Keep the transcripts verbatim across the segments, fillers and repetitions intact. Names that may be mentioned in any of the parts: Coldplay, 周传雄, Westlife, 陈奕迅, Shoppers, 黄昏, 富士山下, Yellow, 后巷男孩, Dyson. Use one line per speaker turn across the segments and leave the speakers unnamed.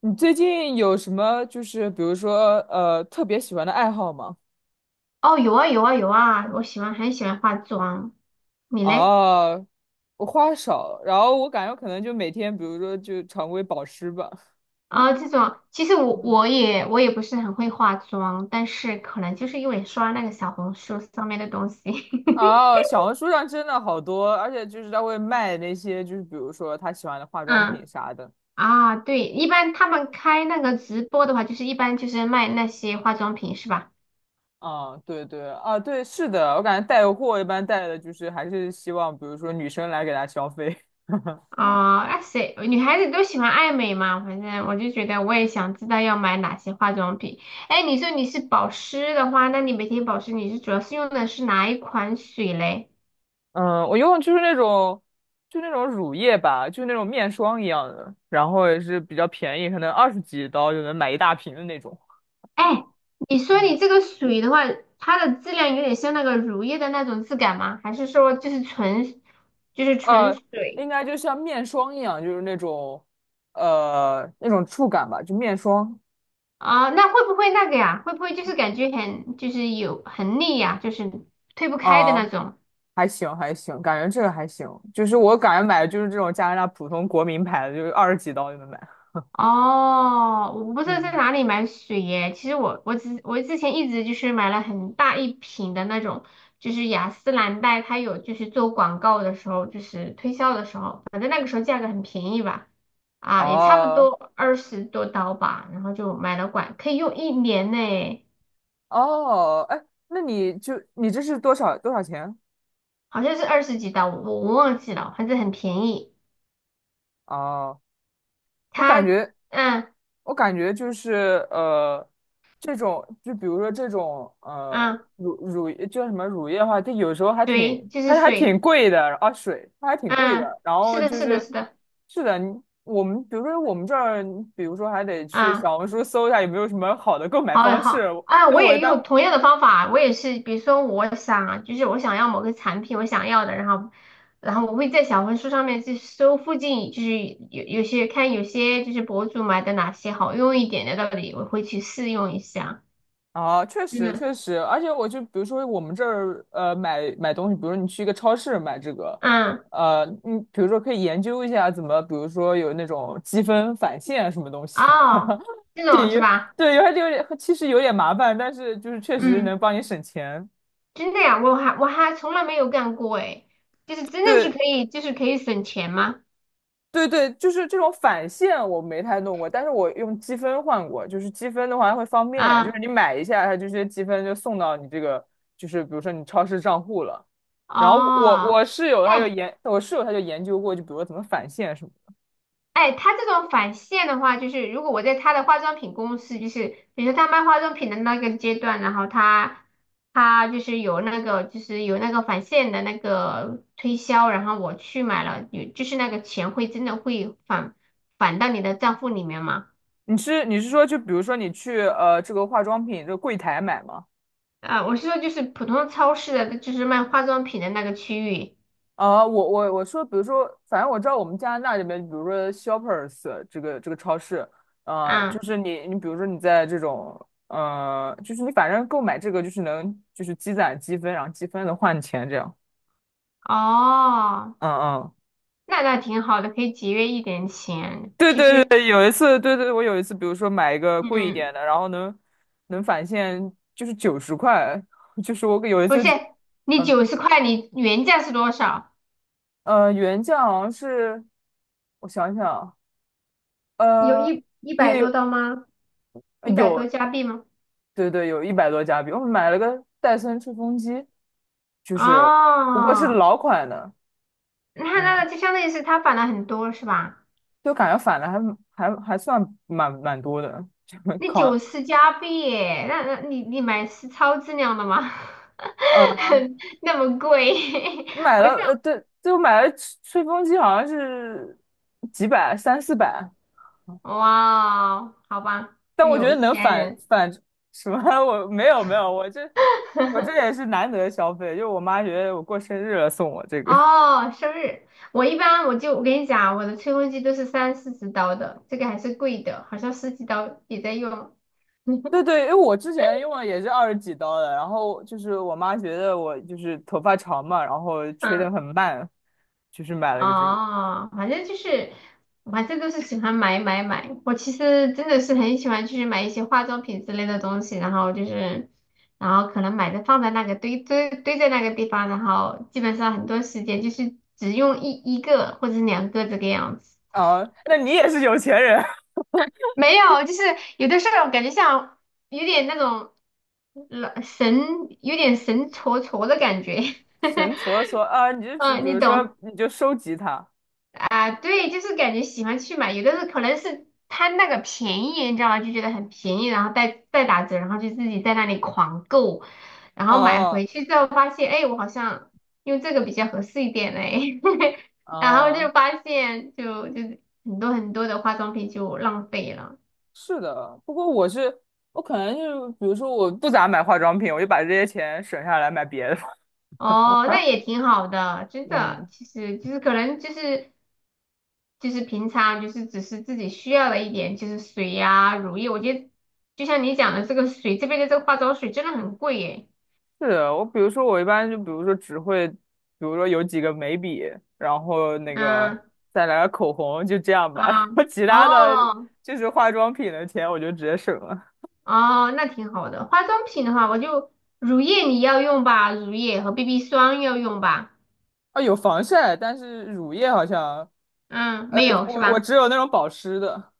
你最近有什么就是比如说呃特别喜欢的爱好吗？
哦，有啊有啊有啊，我喜欢很喜欢化妆，你嘞？
哦，我花少，然后我感觉可能就每天比如说就常规保湿吧。
啊，这种其实我我也我也不是很会化妆，但是可能就是因为刷那个小红书上面的东西。
哦，小红书上真的好多，而且就是他会卖那些就是比如说他喜欢的化 妆
嗯
品啥的。
啊，对，一般他们开那个直播的话，就是一般就是卖那些化妆品是吧？
啊，对对啊，对，是的，我感觉带货一般带的就是还是希望比如说女生来给他消费。
啊，那谁女孩子都喜欢爱美嘛，反正我就觉得我也想知道要买哪些化妆品。哎，你说你是保湿的话，那你每天保湿你是主要是用的是哪一款水嘞？
嗯，我用的就是那种，就那种乳液吧，就那种面霜一样的，然后也是比较便宜，可能二十几刀就能买一大瓶的那种。
哎，你说
嗯，
你这个水的话，它的质量有点像那个乳液的那种质感吗？还是说就是纯，就是纯
呃，应
水
该就像面霜一样，就是那种，呃，那种触感吧，就面霜
啊？那会不会那个呀？会不会就是感觉很，就是有很腻呀？就是推不开的那
啊，
种？
还行还行，感觉这个还行，就是我感觉买的就是这种加拿大普通国民牌的，就是二十几刀就能买。
哦，我不知道在
嗯，
哪里买水耶。其实我我之我之前一直就是买了很大一瓶的那种，就是雅诗兰黛，它有就是做广告的时候，就是推销的时候，反正那个时候价格很便宜吧。啊，也差不
哦
多二十多刀吧，然后就买了管，可以用一年呢，
哦，哎，那你就你这是多少多少钱？
好像是二十几刀，我我忘记了，反正很便宜。
哦。我感
它
觉，
嗯
我感觉就是呃，这种就比如说这种呃
嗯，
乳乳叫什么乳液的话，它有时候还
水
挺
就是
还还挺
水。
贵的啊，水它还挺贵
嗯，
的。然
是
后
的，
就
是的，
是
是的。
是的，你我们比如说我们这儿，比如说还得去
啊。
小红书搜一下有没有什么好的购买
好
方式。
好啊，
对
我
我一
也用
般
同样的方法，我也是，比如说我想，就是我想要某个产品，我想要的，然后，然后我会在小红书上面去搜附近，就是有有些看有些就是博主买的哪些好用一点的到底我会去试用一下。
啊，确实
嗯
确实，而且我就比如说我们这儿呃买买东西，比如你去一个超市买这个，
嗯，
呃，你比如说可以研究一下怎么，比如说有那种积分返现什么东西，
哦，这种是吧？
对，有点有点其实有点麻烦，但是就是确实
嗯，
能帮你省钱。
真的呀，我还我还从来没有干过诶，就是真的
对，
是可以，就是可以省钱吗？
对对，就是这种返现我没太弄过，但是我用积分换过。就是积分的话会方便呀，就是
啊，
你买一下，它这些积分就送到你这个，就是比如说你超市账户了。然后我
哦。
我室友他就
哎，
研，我室友他就研究过，就比如说怎么返现什么的。
哎，他这种返现的话，就是如果我在他的化妆品公司，就是比如说他卖化妆品的那个阶段，然后他他就是有那个就是有那个返现的那个推销，然后我去买了，有就是那个钱会真的会返返到你的账户里面吗？
你是你是说就比如说你去呃这个化妆品这个柜台买吗？
啊，我是说就是普通超市的，就是卖化妆品的那个区域。
啊，我我我说，比如说，反正我知道我们加拿大这边，比如说 Shoppers 这个这个超市，呃，就
啊。
是你你比如说你在这种，呃，就是你反正购买这个就是能就是积攒积分，然后积分能换钱这样。
哦，
嗯嗯，
那那挺好的，可以节约一点钱。
对
其
对
实，
对，有一次，对对，我有一次，比如说买一个贵一
嗯。
点的，然后能能返现就是九十块，就是我有一
不
次
是，
只，
你
嗯
九十块，你原价是多少？
呃，原价好像是，我想想啊，
有
呃，
一一百
也
多
有。
刀吗？一百
有
多加币吗？
对对，有一百多加币，我买了个戴森吹风机，就是不过是
哦，
老款的，
那那
嗯，
就相当于是他返了很多是吧？
就感觉返的还还还算蛮蛮多的，就
那
扛
九十加币耶那那你你买是超质量的吗？
呃
那么贵。
买
我是
了呃对，就买了吹吹风机好像是几百三四百，
哇哦好吧，
但我觉
有
得能
钱
返
人。
返什么。 我没有没有，我这我这也是难得消费，就我妈觉得我过生日了送我这 个，
哦，生日。我一般我就我跟你讲啊，我的吹风机都是三四十刀的，这个还是贵的，好像十几刀也在用。
对对，因为我之前用了也是二十几刀的，然后就是我妈觉得我就是头发长嘛，然后吹得
嗯，
很慢，就是买了个这个。
哦，反正就是，我反正都是喜欢买买买。我其实真的是很喜欢，去买一些化妆品之类的东西，然后就是，然后可能买的放在那个堆堆堆在那个地方，然后基本上很多时间就是只用一一个或者是两个这个样子。
啊，那你也是有钱人，
没有，就是有的时候感觉像有点那种老神，有点神戳戳的感觉。
神搓搓啊，你就只
嗯，
比
你
如
懂。
说你就收集它。
啊，对，就是感觉喜欢去买，有的时候可能是贪那个便宜，你知道吗？就觉得很便宜，然后再再打折，然后就自己在那里狂购，然后买
哦
回去之后发现，哎，我好像用这个比较合适一点嘞。然后
哦，
就发现就就是很多很多的化妆品就浪费了。
是的，不过我是我可能就是比如说我不咋买化妆品，我就把这些钱省下来买别的。
哦，那也挺好的，真的，
嗯。
其实就是可能就是。就是平常就是只是自己需要的一点，就是水呀、乳液。我觉得就像你讲的这个水，这边的这个化妆水真的很贵耶。
是的，我比如说我一般就比如说只会，比如说有几个眉笔，然后那个
嗯
再来个口红，就这样吧。然
啊
后其他的
哦
就是化妆品的钱，我就直接省了。
哦，那挺好的。化妆品的话，我就乳液你要用吧，乳液和 B B 霜要用吧。
啊，有防晒，但是乳液好像，
嗯，
呃，
没有是
我我
吧？
只有那种保湿的。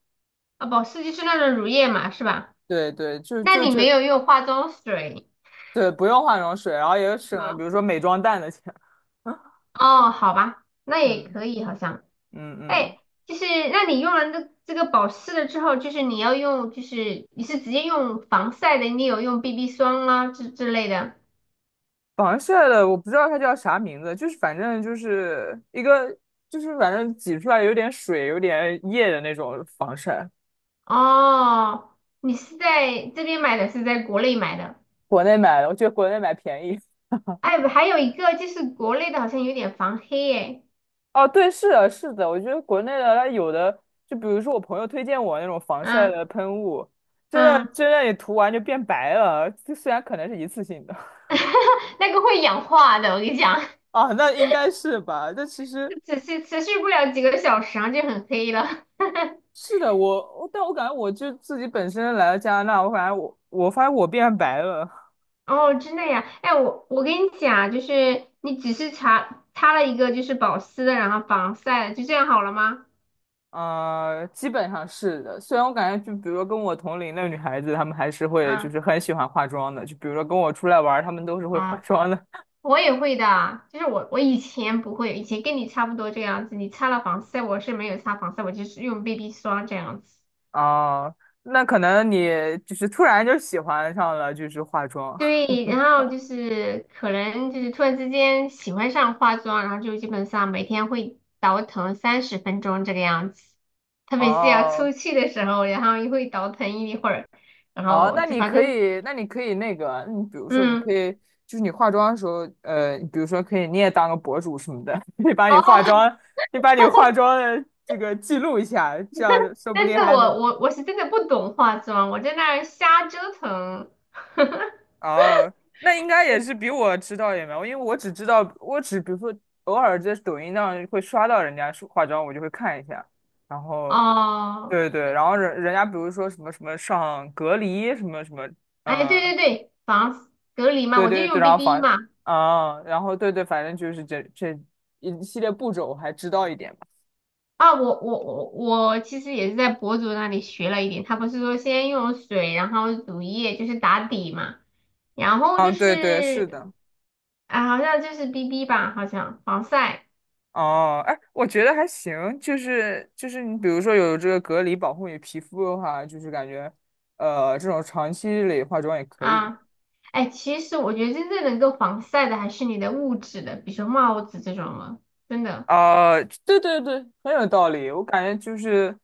啊，保湿就是那种乳液嘛，是吧？
对对，就
那
就
你没
这，
有用化妆水，
对，不用化妆水，然后也省了，比
嗯，
如说美妆蛋的钱。
哦，好吧，那也
嗯
可以好像。
嗯嗯。
哎，就是那你用完这这个保湿了之后，就是你要用，就是你是直接用防晒的，你有用 B B 霜啊之之类的。
防晒的我不知道它叫啥名字，就是反正就是一个，就是反正挤出来有点水、有点液的那种防晒。
哦，你是在这边买的，是在国内买的。
国内买的，我觉得国内买便宜。
哎，还有一个就是国内的好像有点防黑哎。
哦，对，是的，是的，我觉得国内的它有的，就比如说我朋友推荐我那种防晒
嗯
的喷雾，真的
嗯。
真的你涂完就变白了，就虽然可能是一次性的。
那个会氧化的，我跟你讲。
啊，那应该是吧？但其 实
只是持续不了几个小时，啊，就很黑了。
是的，我，我但我感觉我就自己本身来了加拿大，我感觉我我发现我变白了。
哦，真的呀，哎，我我跟你讲啊，就是你只是擦擦了一个就是保湿的，然后防晒的，就这样好了吗？
呃，基本上是的。虽然我感觉，就比如说跟我同龄的女孩子，她们还是会就
嗯
是很喜欢化妆的。就比如说跟我出来玩儿她们都是会化
啊，
妆的。
我也会的啊，就是我我以前不会，以前跟你差不多这样子，你擦了防晒，我是没有擦防晒，我就是用 B B 霜这样子。
哦，那可能你就是突然就喜欢上了，就是化妆。
对，然后就是可能就是突然之间喜欢上化妆，然后就基本上每天会倒腾三十分钟这个样子，特别是要
哦，
出去的时候，然后又会倒腾一会儿，然
哦，
后
那
就
你
反
可
正
以，那你可以那个，你比如说，你
嗯
可以就是你化妆的时候，呃，比如说可以你也当个博主什么的，你把你化
哦。
妆，你把你化 妆的这个记录一下，这样说不
但
定
是
还
我
能。
我我是真的不懂化妆，我在那儿瞎折腾。
哦，那应该也是比我知道也没有，因为我只知道，我只比如说偶尔在抖音上会刷到人家说化妆，我就会看一下，然后
哦，
对对，然后人人家比如说什么什么上隔离什么什么，
哎，对
嗯，
对对，防隔离嘛，
对
我就
对对，
用
然后
B B
反
嘛。
啊，然后对对，反正就是这这一系列步骤我还知道一点吧，
啊，我我我我其实也是在博主那里学了一点，他不是说先用水，然后乳液，就是打底嘛，然后就
嗯，对对，是
是
的。
啊，好像就是 B B 吧，好像防晒
哦，哎，我觉得还行，就是就是你比如说有这个隔离保护你皮肤的话，就是感觉，呃，这种长期累化妆也可以。
啊。哎，其实我觉得真正能够防晒的还是你的物质的，比如说帽子这种了，真的。
啊、对对对，很有道理。我感觉就是，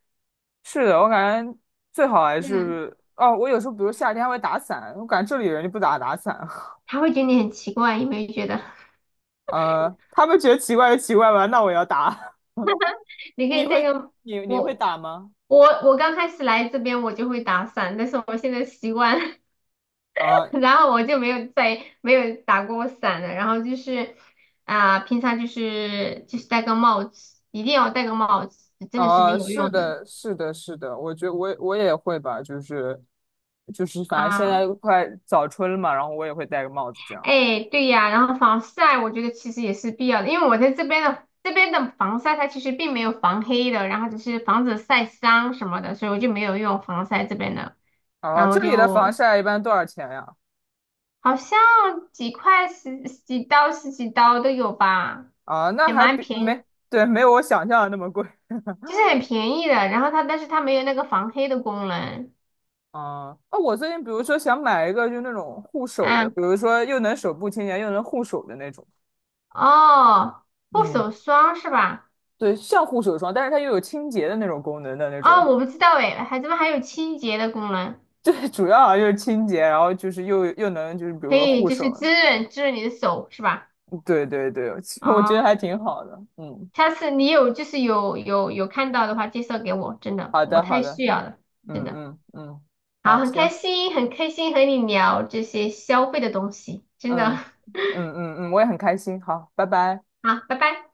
是的，我感觉最好还
嗯，
是，哦，我有时候比如夏天还会打伞，我感觉这里人就不咋打伞。
他会觉得你很奇怪，有没有觉得？
呃，他们觉得奇怪就奇怪吧，那我要打。
你可
你
以戴
会
个
你你会
我
打吗？
我我刚开始来这边我就会打伞，但是我现在习惯了。
啊、
然后我就没有再没有打过伞了。然后就是啊、平常就是就是戴个帽子，一定要戴个帽子，真的是很
啊，
有
是
用的
的，是的，是的，我觉得我也我也会吧，就是就是，反正现
啊。
在快早春了嘛，然后我也会戴个帽子这样。
哎，对呀，然后防晒我觉得其实也是必要的，因为我在这边的这边的防晒它其实并没有防黑的，然后只是防止晒伤什么的，所以我就没有用防晒这边的。
啊，
然后我
这里的防
就
晒一般多少钱呀？
好像几块十十几刀十几刀都有吧，
啊，那
也
还
蛮
比
便
没，
宜。
对，没有我想象的那么贵。
就是很便宜的，然后它但是它没有那个防黑的功能。
啊，啊，我最近比如说想买一个就那种护手的，
嗯，
比如说又能手部清洁又能护手的那种。
哦，护
嗯，
手霜是吧？
对，像护手霜，但是它又有清洁的那种功能的那
哦，
种。
我不知道哎，还怎么还有清洁的功能？
对，主要好像就是清洁，然后就是又又能就是比
可
如说
以
护
就是
手。
滋润滋润你的手是吧？
对对对，我觉得
哦，
还挺好的。嗯，
下次你有就是有有有看到的话，介绍给我，真的
好
我
的好
太
的，
需要了，真
嗯
的。
嗯嗯，
好，
好，
很开
行，
心，很开心和你聊这些消费的东西，真的。
嗯 嗯嗯嗯，我也很开心。好，拜拜。
好，拜拜。